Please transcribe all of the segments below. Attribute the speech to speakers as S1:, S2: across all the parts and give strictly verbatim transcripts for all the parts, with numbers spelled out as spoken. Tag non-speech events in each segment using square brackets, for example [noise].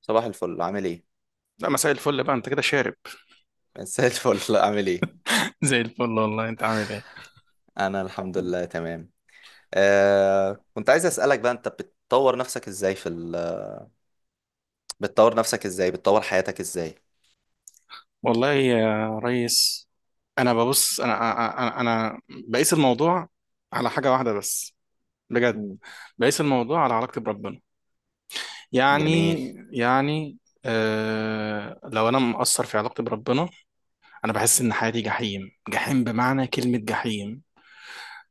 S1: صباح الفل عامل ايه؟
S2: لا، مساء الفل بقى، انت كده شارب
S1: [laughs] مساء الفل عامل ايه؟
S2: زي الفل. والله انت عامل ايه؟
S1: انا الحمد لله تمام. آه، كنت عايز اسألك بقى انت بتطور نفسك ازاي في ال... [laughs] بتطور نفسك ازاي؟ بتطور حياتك ازاي؟
S2: والله يا ريس، انا ببص انا انا انا بقيس الموضوع على حاجه واحده بس. بجد.
S1: مم.
S2: بقيس الموضوع على علاقتي بربنا.
S1: جميل.
S2: يعني يعني آه لو انا مقصر في علاقتي بربنا، انا بحس ان حياتي جحيم، جحيم بمعنى كلمه جحيم.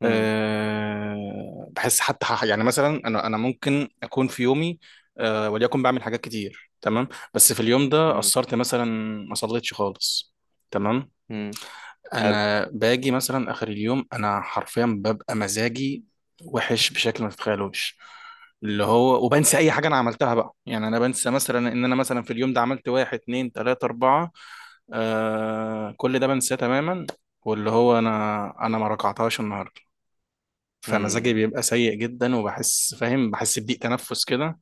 S1: مم.
S2: آه، بحس حتى ح- يعني مثلا انا انا ممكن اكون في يومي، آه، وليكن بعمل حاجات كتير تمام، بس في اليوم ده
S1: مم.
S2: قصرت مثلا، ما صليتش خالص. تمام.
S1: مم. حلو.
S2: انا باجي مثلا اخر اليوم، انا حرفيا ببقى مزاجي وحش بشكل ما تتخيلوش، اللي هو وبنسى اي حاجه انا عملتها بقى. يعني انا بنسى مثلا ان انا مثلا في اليوم ده عملت واحد اتنين تلاته اربعه، آه كل ده بنساه تماما. واللي هو انا انا ما ركعتهاش النهارده. فمزاجي
S1: مم.
S2: بيبقى سيء جدا، وبحس فاهم، بحس بضيق تنفس كده.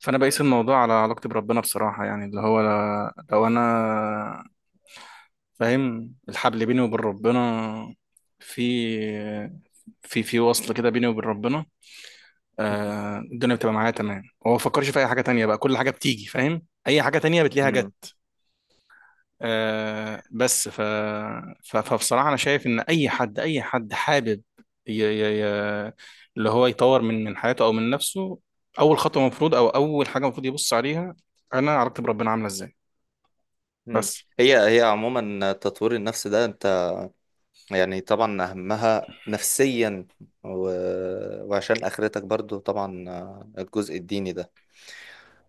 S2: فانا بقيس الموضوع على علاقتي بربنا بصراحه. يعني اللي هو لو انا فاهم الحبل بيني وبين ربنا، في في في وصل كده بيني وبين ربنا، آه، الدنيا بتبقى معايا تمام. هو ما بفكرش في اي حاجه تانية بقى. كل حاجه بتيجي فاهم، اي حاجه تانية بتلاقيها
S1: مم.
S2: جت. آه بس ف... ف... فبصراحة أنا شايف إن أي حد، أي حد حابب، ي... ي... ي... اللي هو يطور من من حياته أو من نفسه، أول خطوة مفروض، أو أول حاجة المفروض يبص عليها: أنا علاقتي بربنا عاملة إزاي.
S1: مم.
S2: بس.
S1: هي هي عموما تطوير النفس ده انت، يعني طبعا اهمها نفسيا و... وعشان اخرتك برضو طبعا، آه، الجزء الديني ده.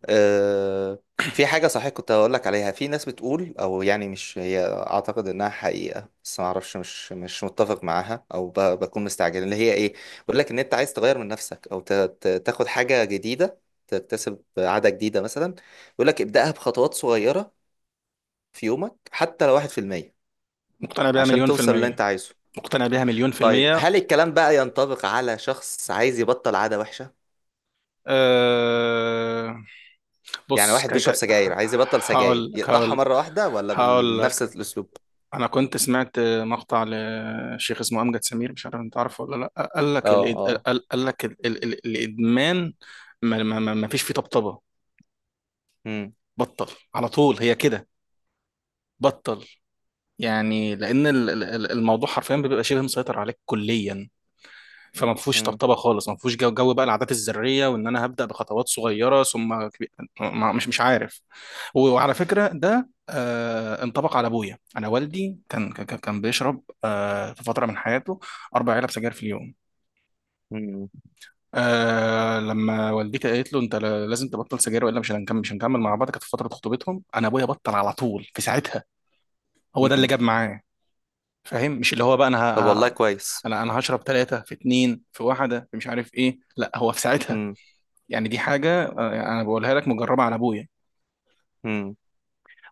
S1: آه، في حاجة صحيح كنت هقول لك عليها، في ناس بتقول او يعني مش هي، اعتقد انها حقيقة بس ما اعرفش، مش مش متفق معاها، او ب- بكون مستعجل، اللي هي ايه؟ بقول لك ان انت عايز تغير من نفسك او ت- ت- تاخد حاجة جديدة، تكتسب عادة جديدة مثلا. بيقول لك ابدأها بخطوات صغيرة في يومك حتى لو واحد في المية،
S2: مقتنع بيها
S1: عشان
S2: مليون في
S1: توصل اللي
S2: المية.
S1: انت عايزه.
S2: مقتنع بيها مليون في
S1: طيب
S2: المية.
S1: هل الكلام بقى ينطبق على شخص عايز يبطل عادة وحشة؟
S2: آه...
S1: يعني
S2: بص،
S1: واحد
S2: كان
S1: بيشرب
S2: كان،
S1: سجاير عايز يبطل سجاير،
S2: هقول لك
S1: يقطعها
S2: هقول
S1: مرة واحدة ولا
S2: هقول
S1: بنفس
S2: لك،
S1: الاسلوب؟
S2: انا كنت سمعت مقطع لشيخ اسمه امجد سمير، مش عارف انت عارفه ولا لا. قال
S1: اه
S2: لك الإد...
S1: اه.
S2: قال قال لك ال... ال... ال... الادمان ما... ما... ما ما فيش فيه طبطبه.
S1: مم.
S2: بطل على طول، هي كده. بطل. يعني لان ال- ال- ال- الموضوع حرفيا بيبقى شبه مسيطر عليك كليا. فما فيهوش
S1: مم.
S2: طبطبه خالص، ما فيهوش جو, جو بقى العادات الذريه وان انا هبدا بخطوات صغيره ثم كبير. ما- مش مش عارف. وعلى فكره ده آه انطبق على ابويا. انا والدي كان كان كان بيشرب آه في فتره من حياته اربع علب سجاير في اليوم.
S1: مم.
S2: آه لما والدتي قالت له انت ل- لازم تبطل سجاير، والا مش هنكمل، مش هنكمل مع بعض. كانت في فتره خطوبتهم. انا ابويا بطل على طول في ساعتها. هو ده اللي
S1: مم.
S2: جاب معاه. فاهم؟ مش اللي هو بقى انا
S1: طب
S2: ه-
S1: والله
S2: ه-
S1: كويس.
S2: انا انا هشرب ثلاثه في اثنين في واحده في مش عارف ايه. لا، هو في ساعتها.
S1: مم.
S2: يعني دي حاجة، آه، أنا بقولها لك مجربة على أبويا.
S1: مم.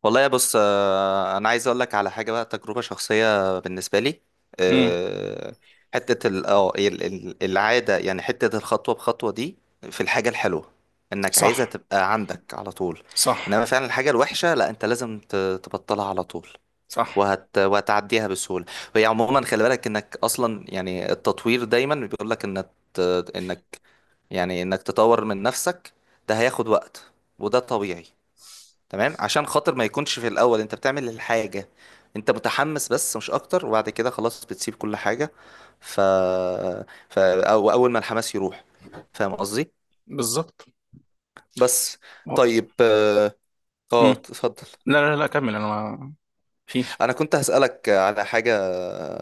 S1: والله يا بص، آه، انا عايز اقول لك على حاجه بقى، تجربه شخصيه بالنسبه لي.
S2: امم
S1: آه، حته ال- اه ال- ال- العاده، يعني حته الخطوه بخطوه دي، في الحاجه الحلوه انك
S2: صح،
S1: عايزها تبقى عندك على طول،
S2: صح،
S1: انما فعلا الحاجه الوحشه لا، انت لازم ت- تبطلها على طول.
S2: صح،
S1: وهت... وهتعديها بسهوله. وهي عموما خلي بالك انك اصلا، يعني التطوير دايما بيقول لك انك، يعني انك تطور من نفسك ده هياخد وقت، وده طبيعي. تمام، عشان خاطر ما يكونش في الاول انت بتعمل الحاجة، انت متحمس بس مش اكتر، وبعد كده خلاص بتسيب كل حاجة. ف, ف... او اول ما الحماس يروح. فاهم قصدي؟
S2: بالظبط.
S1: بس. طيب اه آه،
S2: امم
S1: اتفضل.
S2: لا، لا، لا، كمل أنا ما فيش.
S1: انا كنت هسألك على حاجة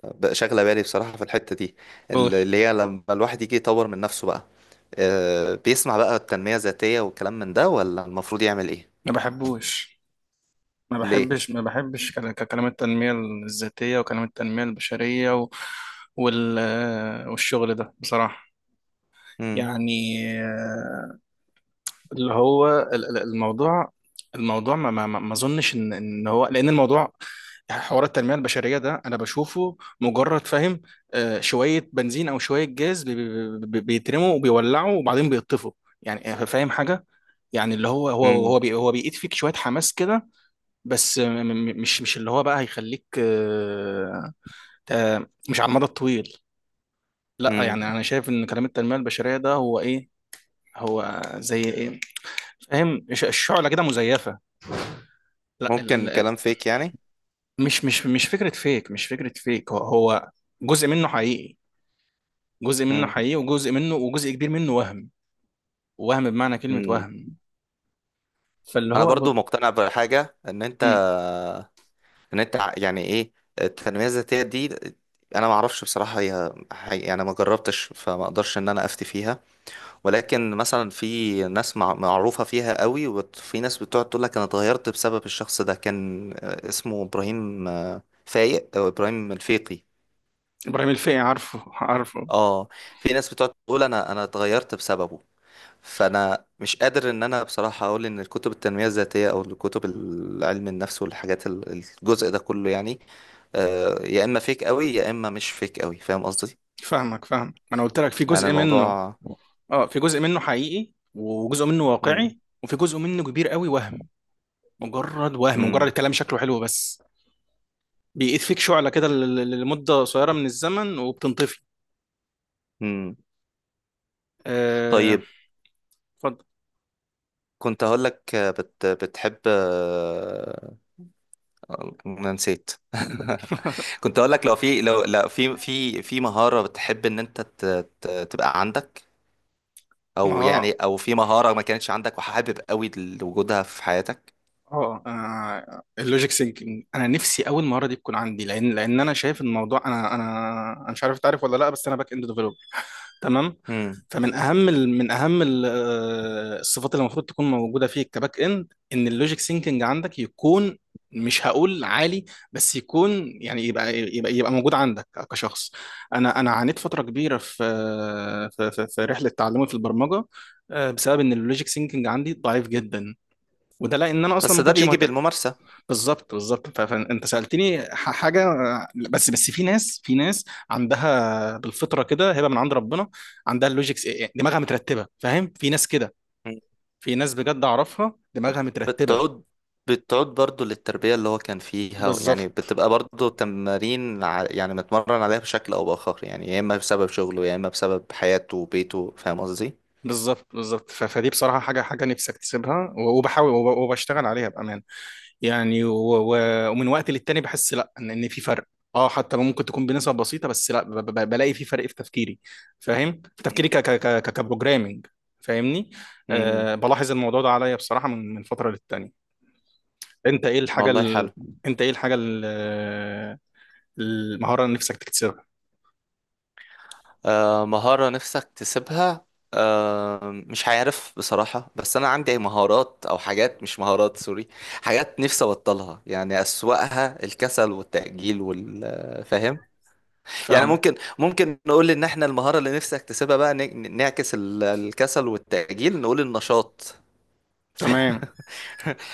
S1: بقى شاغلة بالي بصراحة في الحتة دي،
S2: قول.
S1: اللي هي لما الواحد يجي يطور من نفسه بقى، آه، بيسمع بقى التنمية الذاتية والكلام من ده، ولا المفروض يعمل ايه؟
S2: ما بحبوش، ما
S1: ليه؟
S2: بحبش ما بحبش كلا- ككلام التنمية الذاتية، وكلام التنمية البشرية و... وال... آه، والشغل ده بصراحة.
S1: مم.
S2: يعني آه، اللي هو ال- ال- الموضوع، الموضوع ما ما ما ما اظنش ان ان هو، لان الموضوع، حوار التنميه البشريه ده، انا بشوفه مجرد فاهم، آه، شويه بنزين او شويه جاز بي- بي- بي- بيترموا وبيولعوا وبعدين بيطفوا. يعني آه، فاهم حاجه، يعني اللي هو هو
S1: مم.
S2: هو بي هو بيقيت فيك شويه حماس كده، بس م- م- مش مش اللي هو بقى هيخليك، آه، آه، مش على المدى الطويل. لا
S1: مم.
S2: يعني انا شايف ان كلام التنميه البشريه ده هو ايه، هو زي ايه، فاهم؟ ش- الشعله كده مزيفه. لا ال-
S1: ممكن
S2: ال- ال-
S1: كلام فيك يعني.
S2: مش مش مش فكرة فيك، مش فكرة فيك، هو هو جزء منه حقيقي. جزء منه
S1: مم.
S2: حقيقي، وجزء منه، وجزء كبير منه وهم. وهم بمعنى كلمة
S1: مم.
S2: وهم. فاللي
S1: انا
S2: هو ب...
S1: برضو مقتنع بحاجه، ان انت
S2: مم.
S1: ان انت ع- يعني ايه التنميه الذاتيه دي؟ انا ما اعرفش بصراحه، هي هي- يعني ما جربتش، فما اقدرش ان انا افتي فيها. ولكن مثلا في ناس مع- معروفه فيها قوي، وفي ناس بتقعد تقول لك انا اتغيرت بسبب الشخص ده، كان آه، اسمه ابراهيم، آه، فايق، او ابراهيم الفيقي.
S2: إبراهيم الفقي، عارفه عارفه.
S1: اه، في ناس بتقعد تقول انا انا اتغيرت بسببه. فانا مش قادر ان انا بصراحه اقول ان الكتب التنميه الذاتيه او الكتب علم النفس والحاجات، ال- الجزء ده كله يعني، آه، يا اما فيك قوي يا اما مش فيك قوي. فاهم قصدي؟
S2: فاهمك، فاهم، ما أنا قلت لك في
S1: يعني
S2: جزء منه.
S1: الموضوع.
S2: اه، في جزء منه حقيقي، وجزء منه
S1: مم.
S2: واقعي، وفي جزء منه كبير قوي وهم. مجرد وهم. مجرد
S1: مم.
S2: الكلام شكله حلو بس. بيقيد فيك شعلة كده ل- ل- لمدة قصيرة من الزمن، وبتنطفي.
S1: مم.
S2: آه،
S1: طيب،
S2: اتفضل.
S1: كنت هقول لك، آه، بت... بتحب، آه، انا نسيت. [laughs]
S2: [laughs]
S1: كنت هقول لك لو في، لو لا، في في في مهارة بتحب ان انت ت... ت... تبقى عندك،
S2: ما
S1: او يعني
S2: هو،
S1: او في مهارة ما كانتش عندك وحابب قوي لوجودها في حياتك.
S2: اه، آه، اللوجيك سينكينج، انا نفسي اول مهاره دي تكون عندي. لان لان انا شايف الموضوع، انا انا انا مش عارف تعرف ولا لا، بس انا باك اند ديفلوبر تمام.
S1: مم.
S2: فمن اهم ال- من اهم ال- آه، الصفات اللي المفروض تكون موجوده فيك كباك اند ان اللوجيك سينكينج عندك يكون، مش هقول عالي، بس يكون، يعني يبقى يبقى يبقى موجود عندك كشخص. انا انا عانيت فتره كبيره في، آه، في في في رحله تعلمي في البرمجه، آه، بسبب ان اللوجيك سينكينج عندي ضعيف جدا، وده لان انا اصلا
S1: بس
S2: ما
S1: ده
S2: كنتش
S1: بيجي
S2: مهتم.
S1: بالممارسة.
S2: بالظبط، بالظبط. ف- فانت سالتني ح- حاجه، بس بس في ناس، في ناس عندها بالفطره كده هبه من عند ربنا، عندها اللوجيكس إيه، إيه، دماغها مترتبه، فاهم؟ في ناس كده،
S1: مم.
S2: في ناس بجد اعرفها دماغها مترتبه.
S1: بتعود، بتعود برضو للتربية اللي هو كان فيها. يعني
S2: بالظبط،
S1: بتبقى برضو تمارين، ع- يعني متمرن عليها بشكل أو بآخر، يعني يا إما بسبب شغله يا إما بسبب حياته وبيته. فاهم قصدي؟
S2: بالظبط، بالظبط. ف- فدي بصراحه حاجه، حاجه نفسي اكتسبها، و- وبحاول وب- وبشتغل عليها بامان. يعني و- و- ومن وقت للتاني بحس لا ان إن في فرق. اه حتى لو ممكن تكون بنسب بسيطه، بس لا ب- ب- بلاقي في فرق في تفكيري. فاهم؟ في تفكيري ك ك ك كبروجرامنج. فاهمني؟
S1: مم.
S2: أه بلاحظ الموضوع ده عليا بصراحه من من فتره للتانيه. انت ايه الحاجه
S1: والله
S2: ال...
S1: حلو.
S2: انت ايه الحاجه ال... المهاره اللي نفسك تكتسبها؟
S1: آه مهارة نفسك تسيبها؟ آه مش عارف بصراحة، بس أنا عندي مهارات، أو حاجات، مش مهارات، سوري، حاجات نفسي أبطلها، يعني أسوأها الكسل والتأجيل والفهم. يعني
S2: فاهمه.
S1: ممكن ممكن نقول ان احنا المهارة اللي نفسي اكتسبها بقى، ن- نعكس ال- الكسل والتأجيل، نقول النشاط. [laughs]
S2: تمام.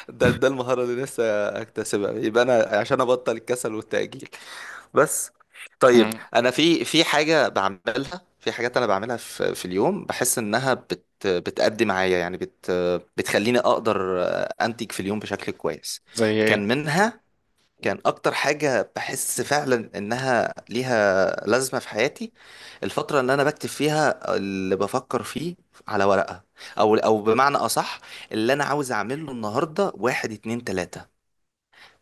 S1: ده ده المهارة اللي نفسي اكتسبها، يبقى انا عشان ابطل الكسل والتأجيل. بس.
S2: مم.
S1: طيب، انا في في حاجة بعملها، في حاجات انا بعملها في في اليوم، بحس انها بت بتأدي معايا، يعني بت بتخليني اقدر انتج في اليوم بشكل كويس.
S2: زي ايه؟
S1: كان منها، كان اكتر حاجة بحس فعلا انها ليها لازمة في حياتي، الفترة اللي انا بكتب فيها اللي بفكر فيه على ورقة، او او بمعنى اصح، اللي انا عاوز اعمله النهاردة، واحد اتنين تلاتة.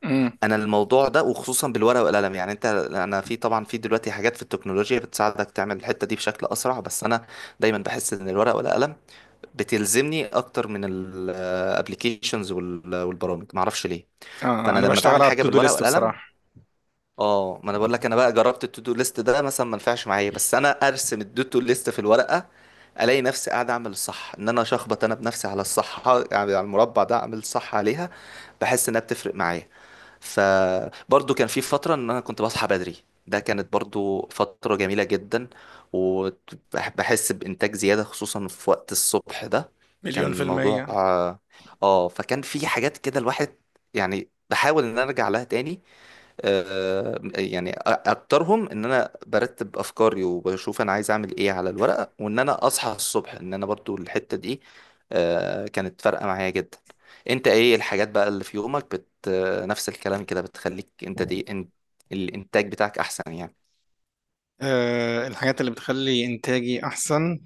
S2: مم.
S1: انا الموضوع ده، وخصوصا بالورقة والقلم، يعني انت، انا في طبعا في دلوقتي حاجات في التكنولوجيا بتساعدك تعمل الحتة دي بشكل اسرع، بس انا دايما بحس ان الورقة والقلم بتلزمني اكتر من الابليكيشنز والبرامج، معرفش ليه.
S2: آه،
S1: فانا
S2: انا
S1: لما
S2: بشتغل
S1: بعمل
S2: على
S1: حاجه
S2: التو دو
S1: بالورقه
S2: ليست
S1: والقلم،
S2: بصراحه.
S1: اه ما انا بقول لك انا بقى جربت التو دو ليست ده مثلا، ما نفعش معايا، بس انا ارسم التو دو ليست في الورقه، الاقي نفسي قاعد اعمل الصح، ان انا اشخبط انا بنفسي على الصح يعني، على المربع ده اعمل الصح عليها. بحس انها بتفرق معايا. فبرضو كان في فتره ان انا كنت بصحى بدري، ده كانت برضو فتره جميله جدا، وبحس بانتاج زياده خصوصا في وقت الصبح ده.
S2: مليون في
S1: كان موضوع،
S2: المية.
S1: اه آه، فكان في حاجات كده الواحد، يعني بحاول ان أنا ارجع لها تاني. آه، يعني أ- اكترهم ان انا برتب افكاري وبشوف انا عايز اعمل ايه على الورقه، وان انا اصحى الصبح، ان انا برضو الحته دي، آه، كانت فارقه معايا جدا. انت ايه الحاجات بقى اللي في يومك بت آه، نفس الكلام كده، بتخليك انت دي، انت الانتاج بتاعك احسن يعني؟
S2: أه الحاجات اللي بتخلي إنتاجي أحسن،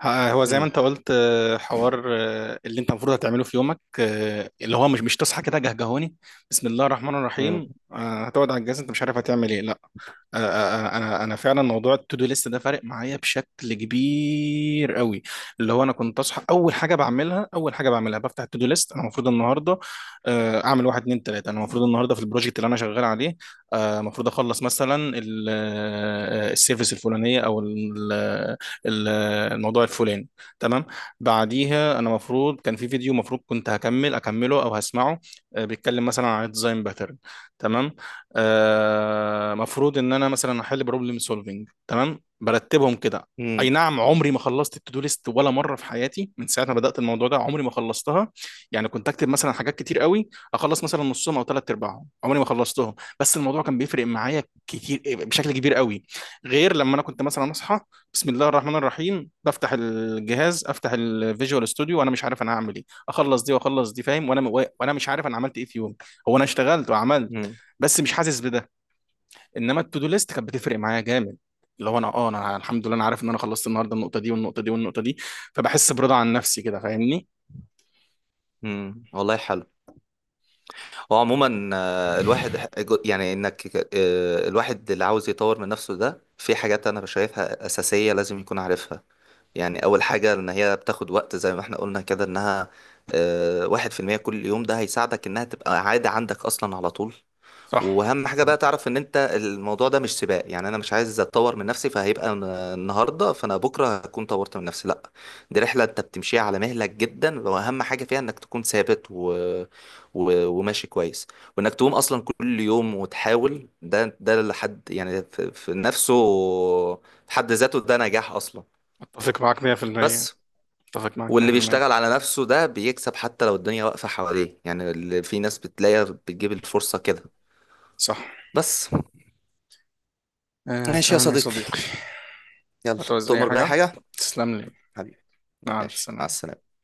S2: ه- هو زي ما
S1: مم.
S2: انت قلت، آه، حوار آه، اللي انت المفروض هتعمله في يومك. آه، اللي هو مش مش تصحى كده جهجهوني، بسم الله الرحمن
S1: مم.
S2: الرحيم، آه، هتقعد على الجهاز انت مش عارف هتعمل ايه. لا. انا انا أنا فعلا موضوع التودو ليست ده فارق معايا بشكل كبير قوي. اللي هو انا كنت اصحى، اول حاجه بعملها اول حاجه بعملها بفتح التودو ليست: انا المفروض النهارده آه، اعمل واحد اتنين تلاته، انا المفروض النهارده في البروجكت اللي انا شغال عليه، آه، المفروض اخلص مثلا ال- آه، السيرفيس الفلانيه، او ال- ال- الموضوع الفلاني، تمام. بعديها انا المفروض كان في فيديو المفروض كنت هكمل، اكمله او هسمعه، آه، بيتكلم مثلا عن الديزاين باترن، تمام. آه، مفروض ان انا مثلا احل بروبلم سولفنج، تمام. برتبهم كده. اي
S1: مم.
S2: نعم، عمري ما خلصت التو دو ليست ولا مره في حياتي من ساعه ما بدات الموضوع ده، عمري ما خلصتها. يعني كنت اكتب مثلا حاجات كتير قوي، اخلص مثلا نصهم او ثلاث ارباعهم، عمري ما خلصتهم. بس الموضوع كان بيفرق معايا كتير، آه، بشكل كبير قوي، غير لما انا كنت مثلا اصحى، بسم الله الرحمن الرحيم، بفتح الجهاز، افتح الفيجوال ستوديو وانا مش عارف انا هعمل ايه، اخلص دي واخلص دي، فاهم؟ وانا وانا مش عارف انا عملت ايه في يوم. هو انا اشتغلت وعملت،
S1: مم.
S2: بس مش حاسس بده. انما التو ليست كانت بتفرق معايا جامد. اللي هو انا اه، انا الحمد لله انا عارف ان انا خلصت النهارده النقطه دي، والنقطه دي، والنقطه دي. فبحس برضا عن نفسي كده. فاهمني؟
S1: مم. والله حلو. هو عموما، آه، الواحد ح- جو- يعني انك، آه، الواحد اللي عاوز يطور من نفسه ده، في حاجات انا شايفها اساسيه لازم يكون عارفها. يعني اول حاجه ان هي بتاخد وقت زي ما احنا قلنا كده، انها آه، واحد في المية كل يوم، ده هيساعدك انها تبقى عاده عندك اصلا على طول.
S2: صح.
S1: واهم حاجه بقى تعرف ان انت الموضوع ده مش سباق، يعني انا مش عايز اتطور من نفسي، فهيبقى ن- النهارده فانا بكره هكون طورت من نفسي، لا، دي رحله انت بتمشيها على مهلك جدا، واهم حاجه فيها انك تكون ثابت و... و... وماشي كويس، وانك تقوم اصلا كل يوم وتحاول. ده، ده لحد يعني في في نفسه، في حد ذاته ده نجاح اصلا.
S2: اتفق معاك مية في المية.
S1: بس.
S2: اتفق معاك
S1: واللي
S2: مية في المية.
S1: بيشتغل على نفسه ده بيكسب حتى لو الدنيا واقفة حواليه، يعني اللي في ناس بتلاقيها بتجيب الفرصة كده.
S2: صح.
S1: بس.
S2: آه،
S1: ماشي يا
S2: تمام يا صديقي.
S1: صديقي، يلا،
S2: هتعوز اي
S1: تؤمر بأي
S2: حاجه؟
S1: حاجة،
S2: تسلم لي.
S1: حبيبي،
S2: مع الف
S1: ماشي مع
S2: سلامه.
S1: السلامة.